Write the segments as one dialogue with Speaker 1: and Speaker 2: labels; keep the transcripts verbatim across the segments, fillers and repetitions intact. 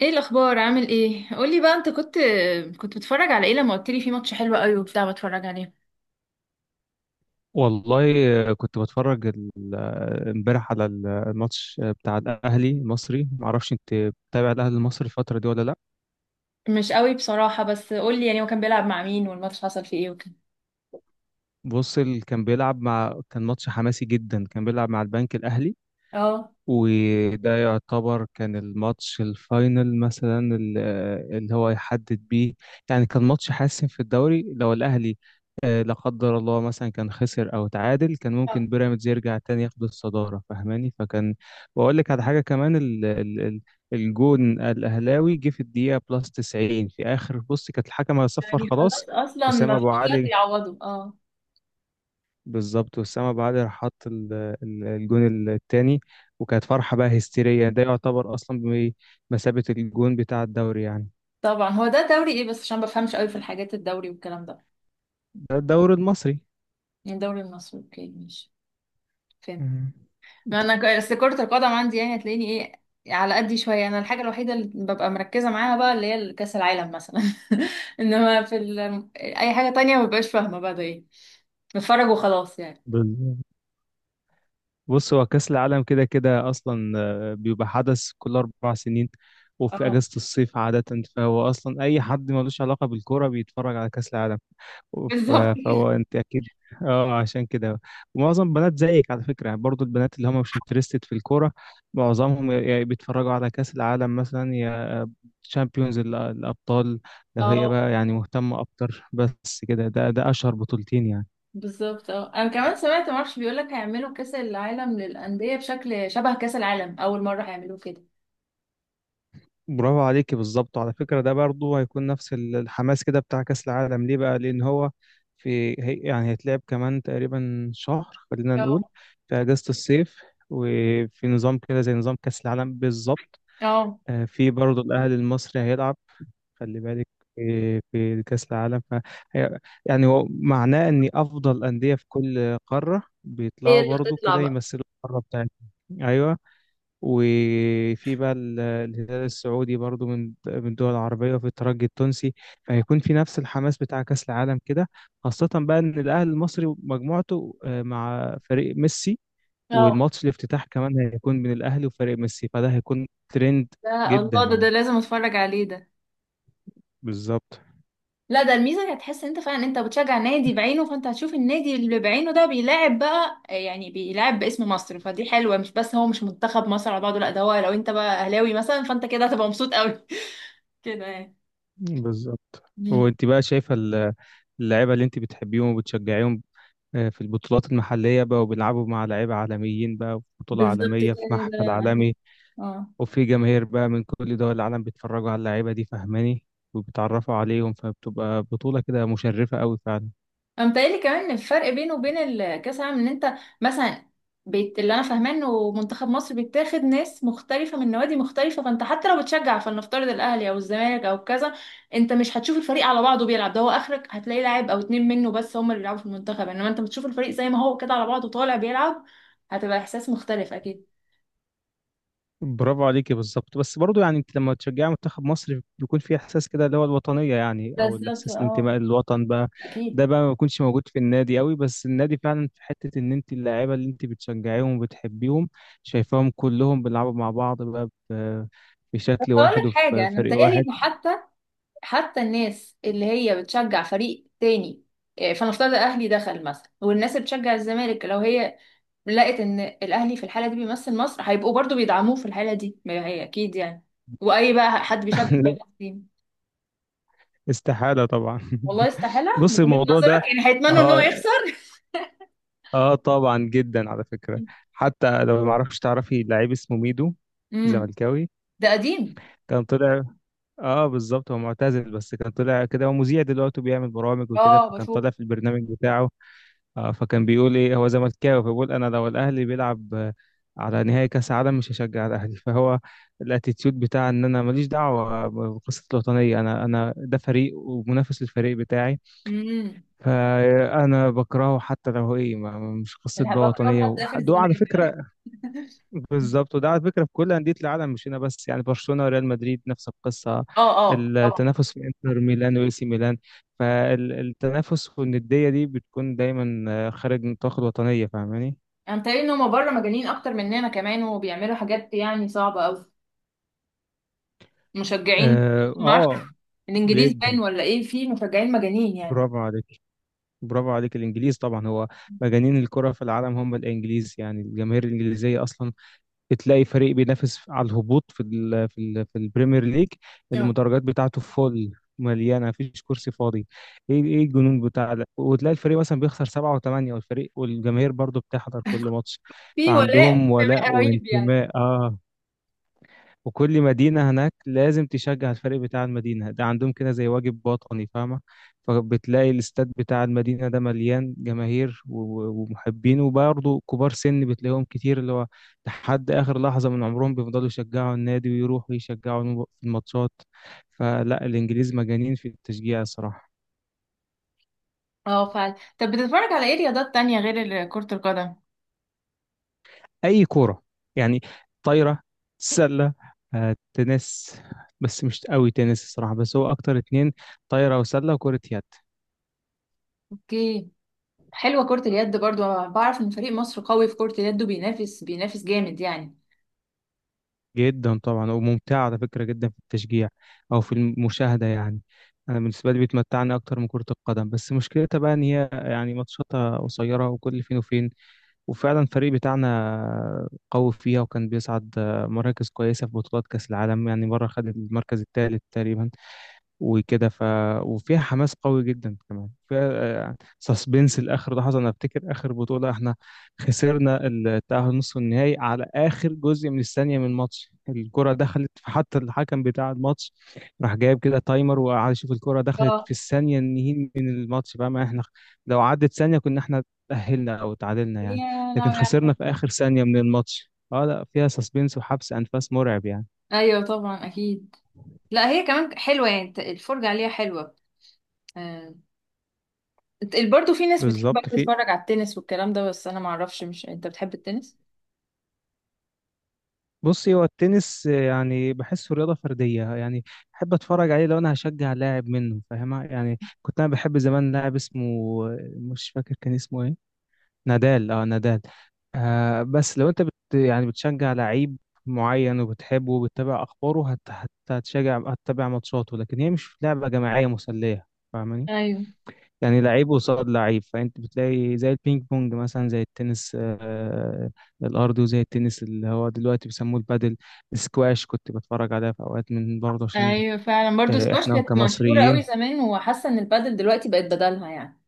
Speaker 1: ايه الاخبار؟ عامل ايه؟ قولي بقى، انت كنت كنت بتتفرج على ايه لما قلت لي في ماتش حلو قوي وبتاع بتفرج عليه؟
Speaker 2: والله كنت بتفرج ال- امبارح على الماتش بتاع الاهلي المصري. معرفش انت بتابع الاهلي المصري الفتره دي ولا لا.
Speaker 1: مش قوي بصراحة، بس قولي، يعني هو كان بيلعب مع مين والماتش حصل فيه ايه وكده؟
Speaker 2: بص، ال- كان بيلعب مع كان ماتش حماسي جدا. كان بيلعب مع البنك الاهلي،
Speaker 1: اه.
Speaker 2: وده يعتبر كان الماتش الفاينل مثلا، ال- اللي هو يحدد بيه يعني. كان ماتش حاسم في الدوري، لو الأهلي آه، لا قدر الله مثلا كان خسر أو تعادل، كان
Speaker 1: آه،
Speaker 2: ممكن بيراميدز يرجع تاني ياخد الصدارة، فاهماني؟ فكان. وأقول لك على حاجة كمان، ال ال ال الجون الأهلاوي جه في الدقيقة بلس تسعين، في آخر، بص كانت الحكم هيصفر
Speaker 1: يعني خلاص
Speaker 2: خلاص.
Speaker 1: اصلا
Speaker 2: وسام
Speaker 1: ما
Speaker 2: أبو
Speaker 1: فيش وقت
Speaker 2: علي،
Speaker 1: يعوضه، اه.
Speaker 2: بالظبط، وأسامة أبو علي راح حط ال- ال- الجون التاني، وكانت فرحة بقى هستيرية. ده يعتبر أصلا بمثابة الجون بتاع الدوري يعني.
Speaker 1: طبعا. هو ده دوري ايه بس؟ عشان ما بفهمش قوي في الحاجات الدوري والكلام ده.
Speaker 2: ده الدوري المصري.
Speaker 1: يعني الدوري المصري، اوكي، ماشي، فهمت.
Speaker 2: مم.
Speaker 1: ما انا ك- اصل كرة القدم عندي يعني هتلاقيني ايه، على قدي شوية. انا الحاجة الوحيدة اللي ببقى مركزة معاها بقى اللي هي كأس العالم مثلا انما في ال... اي حاجة تانية ما ببقاش فاهمة بقى ده ايه، بتفرج وخلاص يعني.
Speaker 2: بال- بص، هو كأس العالم كده كده أصلا آه، بيبقى حدث كل أربع سنين، وفي
Speaker 1: اه،
Speaker 2: أجازة الصيف عادة. فهو أصلا أي حد ملوش علاقة بالكورة بيتفرج على كأس العالم. ف-
Speaker 1: بالظبط
Speaker 2: فهو أنت أكيد اه، عشان كده. ومعظم بنات زيك على فكرة، يعني برضو البنات اللي هم مش انترستد في الكورة، معظمهم يا- يا بيتفرجوا على كأس العالم مثلا، يا تشامبيونز الأبطال لو هي
Speaker 1: اه
Speaker 2: بقى يعني مهتمة أكتر. بس كده، ده ده أشهر بطولتين يعني.
Speaker 1: بالظبط، اه. انا كمان سمعت، معرفش، بيقولك هيعملوا كأس العالم للأندية بشكل شبه كأس العالم، اول مرة هيعملوه كده.
Speaker 2: برافو عليكي، بالظبط. على فكرة ده برضه هيكون نفس ال- الحماس كده بتاع كأس العالم، ليه بقى؟ لأن هو في، هي يعني هيتلعب كمان تقريبا شهر خلينا نقول،
Speaker 1: اه
Speaker 2: في أجازة الصيف. وفي نظام كده زي نظام كأس العالم بالظبط.
Speaker 1: اه.
Speaker 2: آه، في برضه الأهلي المصري هيلعب، خلي بالك، في في كأس العالم. ف هي- يعني هو معناه إن أفضل أندية في كل قارة
Speaker 1: هي
Speaker 2: بيطلعوا
Speaker 1: اللي
Speaker 2: برضه
Speaker 1: هتطلع
Speaker 2: كده
Speaker 1: بقى.
Speaker 2: يمثلوا القارة بتاعتهم، أيوه. وفي بقى ال- الهلال السعودي برضو، من من الدول العربية، وفي الترجي التونسي. فهيكون في نفس الحماس بتاع كأس العالم كده، خاصة بقى إن الأهلي المصري مجموعته آه، مع فريق ميسي.
Speaker 1: اه،
Speaker 2: والماتش الافتتاح كمان هيكون من الأهلي وفريق ميسي، فده هيكون ترند
Speaker 1: ده
Speaker 2: جدا
Speaker 1: الله، ده ده
Speaker 2: يعني.
Speaker 1: لازم اتفرج عليه ده.
Speaker 2: بالظبط.
Speaker 1: لا، ده الميزه انك هتحس ان انت فعلا انت بتشجع نادي بعينه، فانت هتشوف النادي اللي بعينه ده بيلاعب بقى، يعني بيلاعب باسم مصر، فدي حلوه. مش بس هو مش منتخب مصر على بعضه، لا، ده هو لو انت بقى اهلاوي مثلا، فانت كده هتبقى مبسوط قوي كده يعني.
Speaker 2: بالظبط.
Speaker 1: مم.
Speaker 2: وانت بقى شايفة ال- اللعيبة اللي انت بتحبيهم وبتشجعيهم آه، في البطولات المحلية بقى، وبيلعبوا مع لعيبة عالميين بقى، في بطولة
Speaker 1: بالظبط
Speaker 2: عالمية، في
Speaker 1: كده،
Speaker 2: محفل عالمي.
Speaker 1: اه.
Speaker 2: وفي جماهير بقى من كل دول العالم بيتفرجوا على اللعيبة دي، فاهماني، وبيتعرفوا عليهم. فبتبقى بطولة كده مشرفة قوي فعلا.
Speaker 1: انا متهيألي كمان الفرق بينه وبين الكاس العالم ان انت مثلا، بيت اللي انا فاهماه انه منتخب مصر بيتاخد ناس مختلفه من نوادي مختلفه، فانت حتى لو بتشجع، فلنفترض الاهلي او الزمالك او كذا، انت مش هتشوف الفريق على بعضه بيلعب. ده هو اخرك هتلاقي لاعب او اتنين منه بس هم اللي بيلعبوا في المنتخب، انما انت بتشوف الفريق زي ما هو كده على بعضه طالع بيلعب. هتبقى احساس مختلف اكيد.
Speaker 2: برافو عليكي بالظبط. بس برضو يعني انت لما تشجعي منتخب مصر بيكون في احساس كده اللي هو الوطنية يعني، او
Speaker 1: بالظبط،
Speaker 2: الاحساس،
Speaker 1: اه،
Speaker 2: الانتماء للوطن بقى.
Speaker 1: اكيد.
Speaker 2: ده بقى ما بيكونش موجود في النادي قوي. بس النادي فعلا في حتة، ان انت اللاعيبة اللي انت بتشجعيهم وبتحبيهم شايفاهم كلهم بيلعبوا مع بعض بقى ب-
Speaker 1: بس
Speaker 2: بشكل
Speaker 1: اقول
Speaker 2: واحد
Speaker 1: لك
Speaker 2: وفي
Speaker 1: حاجه، انا
Speaker 2: فريق
Speaker 1: متهيألي
Speaker 2: واحد.
Speaker 1: ان حتى حتى الناس اللي هي بتشجع فريق تاني، آه، فنفترض الاهلي دخل مثلا، والناس اللي بتشجع الزمالك لو هي لقت ان الاهلي في الحاله دي بيمثل مصر، هيبقوا برضو بيدعموه في الحاله دي، ما هي اكيد يعني. واي بقى حد بيشجع فريق قديم!
Speaker 2: استحالة طبعا.
Speaker 1: والله؟ استحاله من
Speaker 2: بص
Speaker 1: وجهه
Speaker 2: الموضوع ده،
Speaker 1: نظرك، يعني هيتمنوا ان هو
Speaker 2: اه،
Speaker 1: يخسر؟
Speaker 2: اه طبعا جدا على فكرة. حتى لو، ما اعرفش تعرفي لعيب اسمه ميدو،
Speaker 1: امم.
Speaker 2: زملكاوي.
Speaker 1: ده قديم.
Speaker 2: كان طلع، اه بالظبط، هو معتزل بس كان طلع كده، هو مذيع دلوقتي وبيعمل برامج وكده.
Speaker 1: اه
Speaker 2: فكان
Speaker 1: بشوف.
Speaker 2: طالع في البرنامج بتاعه، آه، فكان بيقول ايه، هو زملكاوي فبيقول انا لو الاهلي بيلعب آه، على نهائي كاس عالم مش هشجع الاهلي. فهو الاتيتيود بتاع ان انا ماليش دعوة بقصة الوطنية، انا انا ده فريق ومنافس للفريق بتاعي
Speaker 1: امم.
Speaker 2: فأنا بكرهه، حتى لو هو ايه، ما- مش قصة
Speaker 1: اللي
Speaker 2: بقى
Speaker 1: بكرهه
Speaker 2: وطنية
Speaker 1: لحد اخر
Speaker 2: وح- ده على
Speaker 1: الزمالك
Speaker 2: فكرة بالظبط. وده على فكرة في كل أندية العالم مش هنا بس، يعني برشلونة وريال مدريد نفس القصة،
Speaker 1: اه، اه طبعا.
Speaker 2: التنافس في انتر ميلان وإي سي ميلان. فالتنافس والندية دي بتكون دايما آه، خارج نطاق الوطنية، فاهماني؟
Speaker 1: انا متهيألي ان هما بره مجانين اكتر مننا كمان، وبيعملوا حاجات يعني صعبه قوي، مشجعين.
Speaker 2: اه
Speaker 1: ما اعرفش،
Speaker 2: آه،
Speaker 1: الانجليز
Speaker 2: جدا.
Speaker 1: باين ولا ايه في مشجعين مجانين يعني؟
Speaker 2: برافو عليك. برافو عليك. الإنجليز طبعا، هو مجانين الكرة في العالم هم الإنجليز يعني. الجماهير الإنجليزية أصلا بتلاقي فريق بينافس على الهبوط في ال في ال في البريمير ليج،
Speaker 1: اه،
Speaker 2: المدرجات بتاعته فول، مليانه، مفيش كرسي فاضي، ايه ايه الجنون بتاع ده. وتلاقي الفريق مثلا بيخسر سبعة وثمانية، والفريق والجماهير برضو بتحضر كل ماتش.
Speaker 1: في ولاء
Speaker 2: فعندهم ولاء
Speaker 1: انتماء رهيب يعني.
Speaker 2: وانتماء، اه. وكل مدينة هناك لازم تشجع الفريق بتاع المدينة ده، عندهم كده زي واجب باطني، فاهمة؟ فبتلاقي الاستاد بتاع المدينة ده مليان جماهير و- ومحبين، وبرضه كبار سن بتلاقيهم كتير اللي هو لحد آخر لحظة من عمرهم بيفضلوا يشجعوا النادي ويروحوا يشجعوا الم- في الماتشات. فلا، الإنجليز مجانين في التشجيع الصراحة.
Speaker 1: اه فعلا. طب بتتفرج على ايه رياضات تانية غير ال- كرة القدم؟
Speaker 2: أي كورة يعني، طايرة، سلة، آه، تنس، بس مش قوي تنس الصراحة. بس هو أكتر اتنين، طايرة وسلة وكرة يد.
Speaker 1: اوكي. حلوة كرة اليد برضو، أنا بعرف ان فريق مصر قوي في كرة اليد وبينافس، بينافس جامد يعني.
Speaker 2: جدا طبعا، وممتعة على فكرة جدا في التشجيع أو في المشاهدة يعني. أنا بالنسبة لي بتمتعني أكتر من كرة القدم، بس مشكلتها بقى إن هي يعني ماتشاتها قصيرة وكل فين وفين. وفعلا الفريق بتاعنا قوي فيها، وكان بيصعد مراكز كويسة في بطولات كأس العالم، يعني مرة خد المركز الثالث تقريبا وكده. ف وفيها حماس قوي جدا كمان، فيها سسبنس لاخر لحظه. انا افتكر اخر بطوله احنا خسرنا التاهل نصف النهائي على اخر جزء من الثانيه من الماتش. الكره دخلت، حتى الحكم بتاع الماتش راح جايب كده تايمر وقعد يشوف الكره دخلت
Speaker 1: اه،
Speaker 2: في الثانيه النهائي من الماتش بقى. ما احنا لو عدت ثانيه كنا احنا تاهلنا او تعادلنا يعني.
Speaker 1: يا
Speaker 2: لكن
Speaker 1: لهوي
Speaker 2: خسرنا
Speaker 1: على-
Speaker 2: في اخر ثانيه من الماتش. اه لا، فيها سسبنس وحبس انفاس مرعب يعني.
Speaker 1: ايوه طبعا، اكيد. لا، هي كمان حلوة يعني، الت- الفرجة عليها حلوة. آه. برضو في ناس بتحب
Speaker 2: بالظبط. في،
Speaker 1: تتفرج على التنس والكلام ده، بس انا معرفش، مش انت بتحب التنس؟
Speaker 2: بصي هو التنس آه، يعني بحسه رياضة فردية يعني. بحب اتفرج عليه لو انا هشجع لاعب منه، فاهمة يعني. كنت انا بحب زمان لاعب اسمه آه، مش فاكر كان اسمه ايه، نادال، اه نادال. آه بس لو انت بت يعني بتشجع لعيب معين وبتحبه وبتتابع اخباره هت هت- هتشجع، هتتابع ماتشاته. لكن هي مش لعبة جماعية مسلية، فاهماني؟
Speaker 1: ايوه.
Speaker 2: يعني لعيب قصاد لعيب. فانت بتلاقي زي البينج بونج مثلا، زي التنس آه، الارضي، وزي التنس اللي هو دلوقتي بيسموه البادل. سكواش كنت بتفرج عليها في اوقات، من برضه عشان
Speaker 1: ايوه فعلا، برضو
Speaker 2: آه،
Speaker 1: سكواش.
Speaker 2: احنا
Speaker 1: السكواش كانت مشهورة قوي
Speaker 2: كمصريين.
Speaker 1: زمان، وحاسة ان البادل دلوقتي بقت بدلها يعني.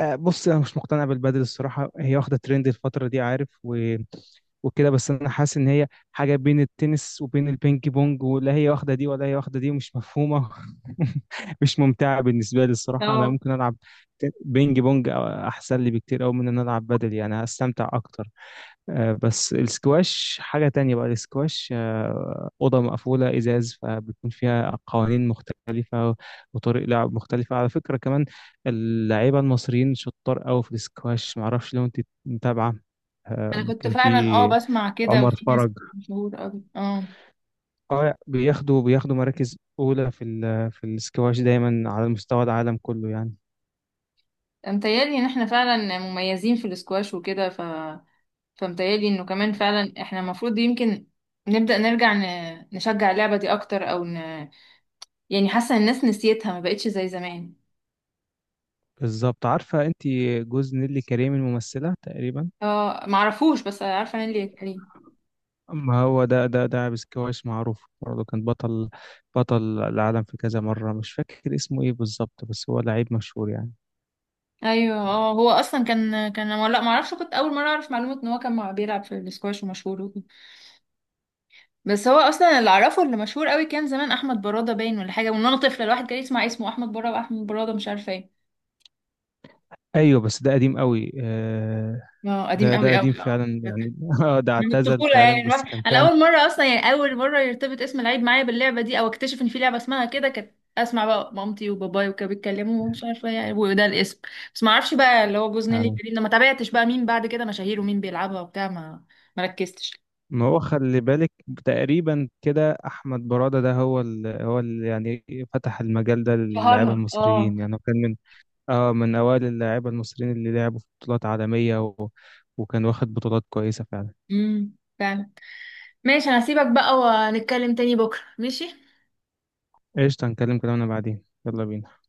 Speaker 2: آه، بص انا مش مقتنع بالبدل الصراحه. هي واخده ترند الفتره دي، عارف، و... وكده. بس انا حاسس ان هي حاجه بين التنس وبين البينج بونج، ولا هي واخده دي ولا هي واخده دي، مش مفهومه. مش ممتعه بالنسبه لي الصراحه. انا
Speaker 1: اه.
Speaker 2: ممكن العب ت- بينج بونج أو، احسن لي بكتير قوي من ان انا العب بدل يعني، هستمتع اكتر. آه، بس السكواش حاجة تانية بقى. السكواش آه، أوضة مقفولة إزاز، فبيكون فيها قوانين مختلفة وطريق لعب مختلفة على فكرة كمان. اللعيبة المصريين شطار أوي في السكواش، معرفش لو أنت متابعة.
Speaker 1: انا كنت
Speaker 2: كان
Speaker 1: فعلا، اه،
Speaker 2: في
Speaker 1: بسمع كده،
Speaker 2: عمر
Speaker 1: وفي ناس
Speaker 2: فرج،
Speaker 1: مشهور قوي، اه.
Speaker 2: اه. بياخدوا بياخدوا مراكز أولى في ال- في السكواش دايما على مستوى العالم كله يعني.
Speaker 1: متهيألي ان احنا فعلا مميزين في السكواش وكده، ف... فمتهيألي انه كمان فعلا احنا المفروض يمكن نبدأ نرجع ن... نشجع اللعبة دي اكتر، او ن... يعني حاسة ان الناس نسيتها، ما بقتش زي زمان.
Speaker 2: بالظبط. عارفة أنت جوز نيلي كريم الممثلة تقريبا؟
Speaker 1: اه، معرفوش، بس عارفه انا اللي كريم.
Speaker 2: ما هو ده، ده ده عابس، كويس معروف برضه، كان بطل، بطل العالم في كذا مرة. مش فاكر اسمه ايه بالظبط، بس هو لعيب مشهور يعني.
Speaker 1: ايوه اه، هو اصلا كان كان أنا- لا ما اعرفش، كنت اول مره اعرف معلومه ان هو كان مع- بيلعب في السكواش ومشهور وكده. بس هو اصلا اللي اعرفه اللي مشهور قوي كان زمان احمد براده، باين ولا حاجه، وان انا طفله الواحد كان يسمع اسمه احمد براده، واحمد براده، مش عارفه ايه.
Speaker 2: ايوه بس ده قديم قوي آه،
Speaker 1: اه قديم
Speaker 2: ده ده
Speaker 1: قوي
Speaker 2: قديم
Speaker 1: قوي، اه
Speaker 2: فعلا
Speaker 1: فاكرة.
Speaker 2: يعني. آه، ده
Speaker 1: من
Speaker 2: اعتزل
Speaker 1: الطفوله يعني
Speaker 2: فعلا، بس
Speaker 1: الواحد،
Speaker 2: كان
Speaker 1: انا
Speaker 2: فعلا
Speaker 1: اول مره اصلا، يعني اول مره يرتبط اسم لعيب معايا باللعبه دي، او اكتشف ان في لعبه اسمها كده، كانت اسمع بقى مامتي وباباي وكانوا بيتكلموا ومش عارفه يعني وده الاسم. بس ما اعرفش بقى اللي هو جوز نيلي
Speaker 2: آه،
Speaker 1: كريم ده، ما تابعتش بقى مين بعد كده مشاهير ومين بيلعبها وبتاع، ما مركزتش.
Speaker 2: ما هو خلي بالك، تقريبا كده احمد برادة ده هو ال هو ال يعني فتح المجال ده للاعيبه
Speaker 1: شهرها، اه.
Speaker 2: المصريين يعني. هو كان من، اه من اوائل اللاعيبه المصريين اللي لعبوا في بطولات عالميه، و وكان واخد بطولات كويسه فعلا.
Speaker 1: امم، فعلا. ماشي، انا هسيبك بقى ونتكلم تاني بكرة، ماشي.
Speaker 2: قشطة، هنكلم كلامنا بعدين، يلا بينا.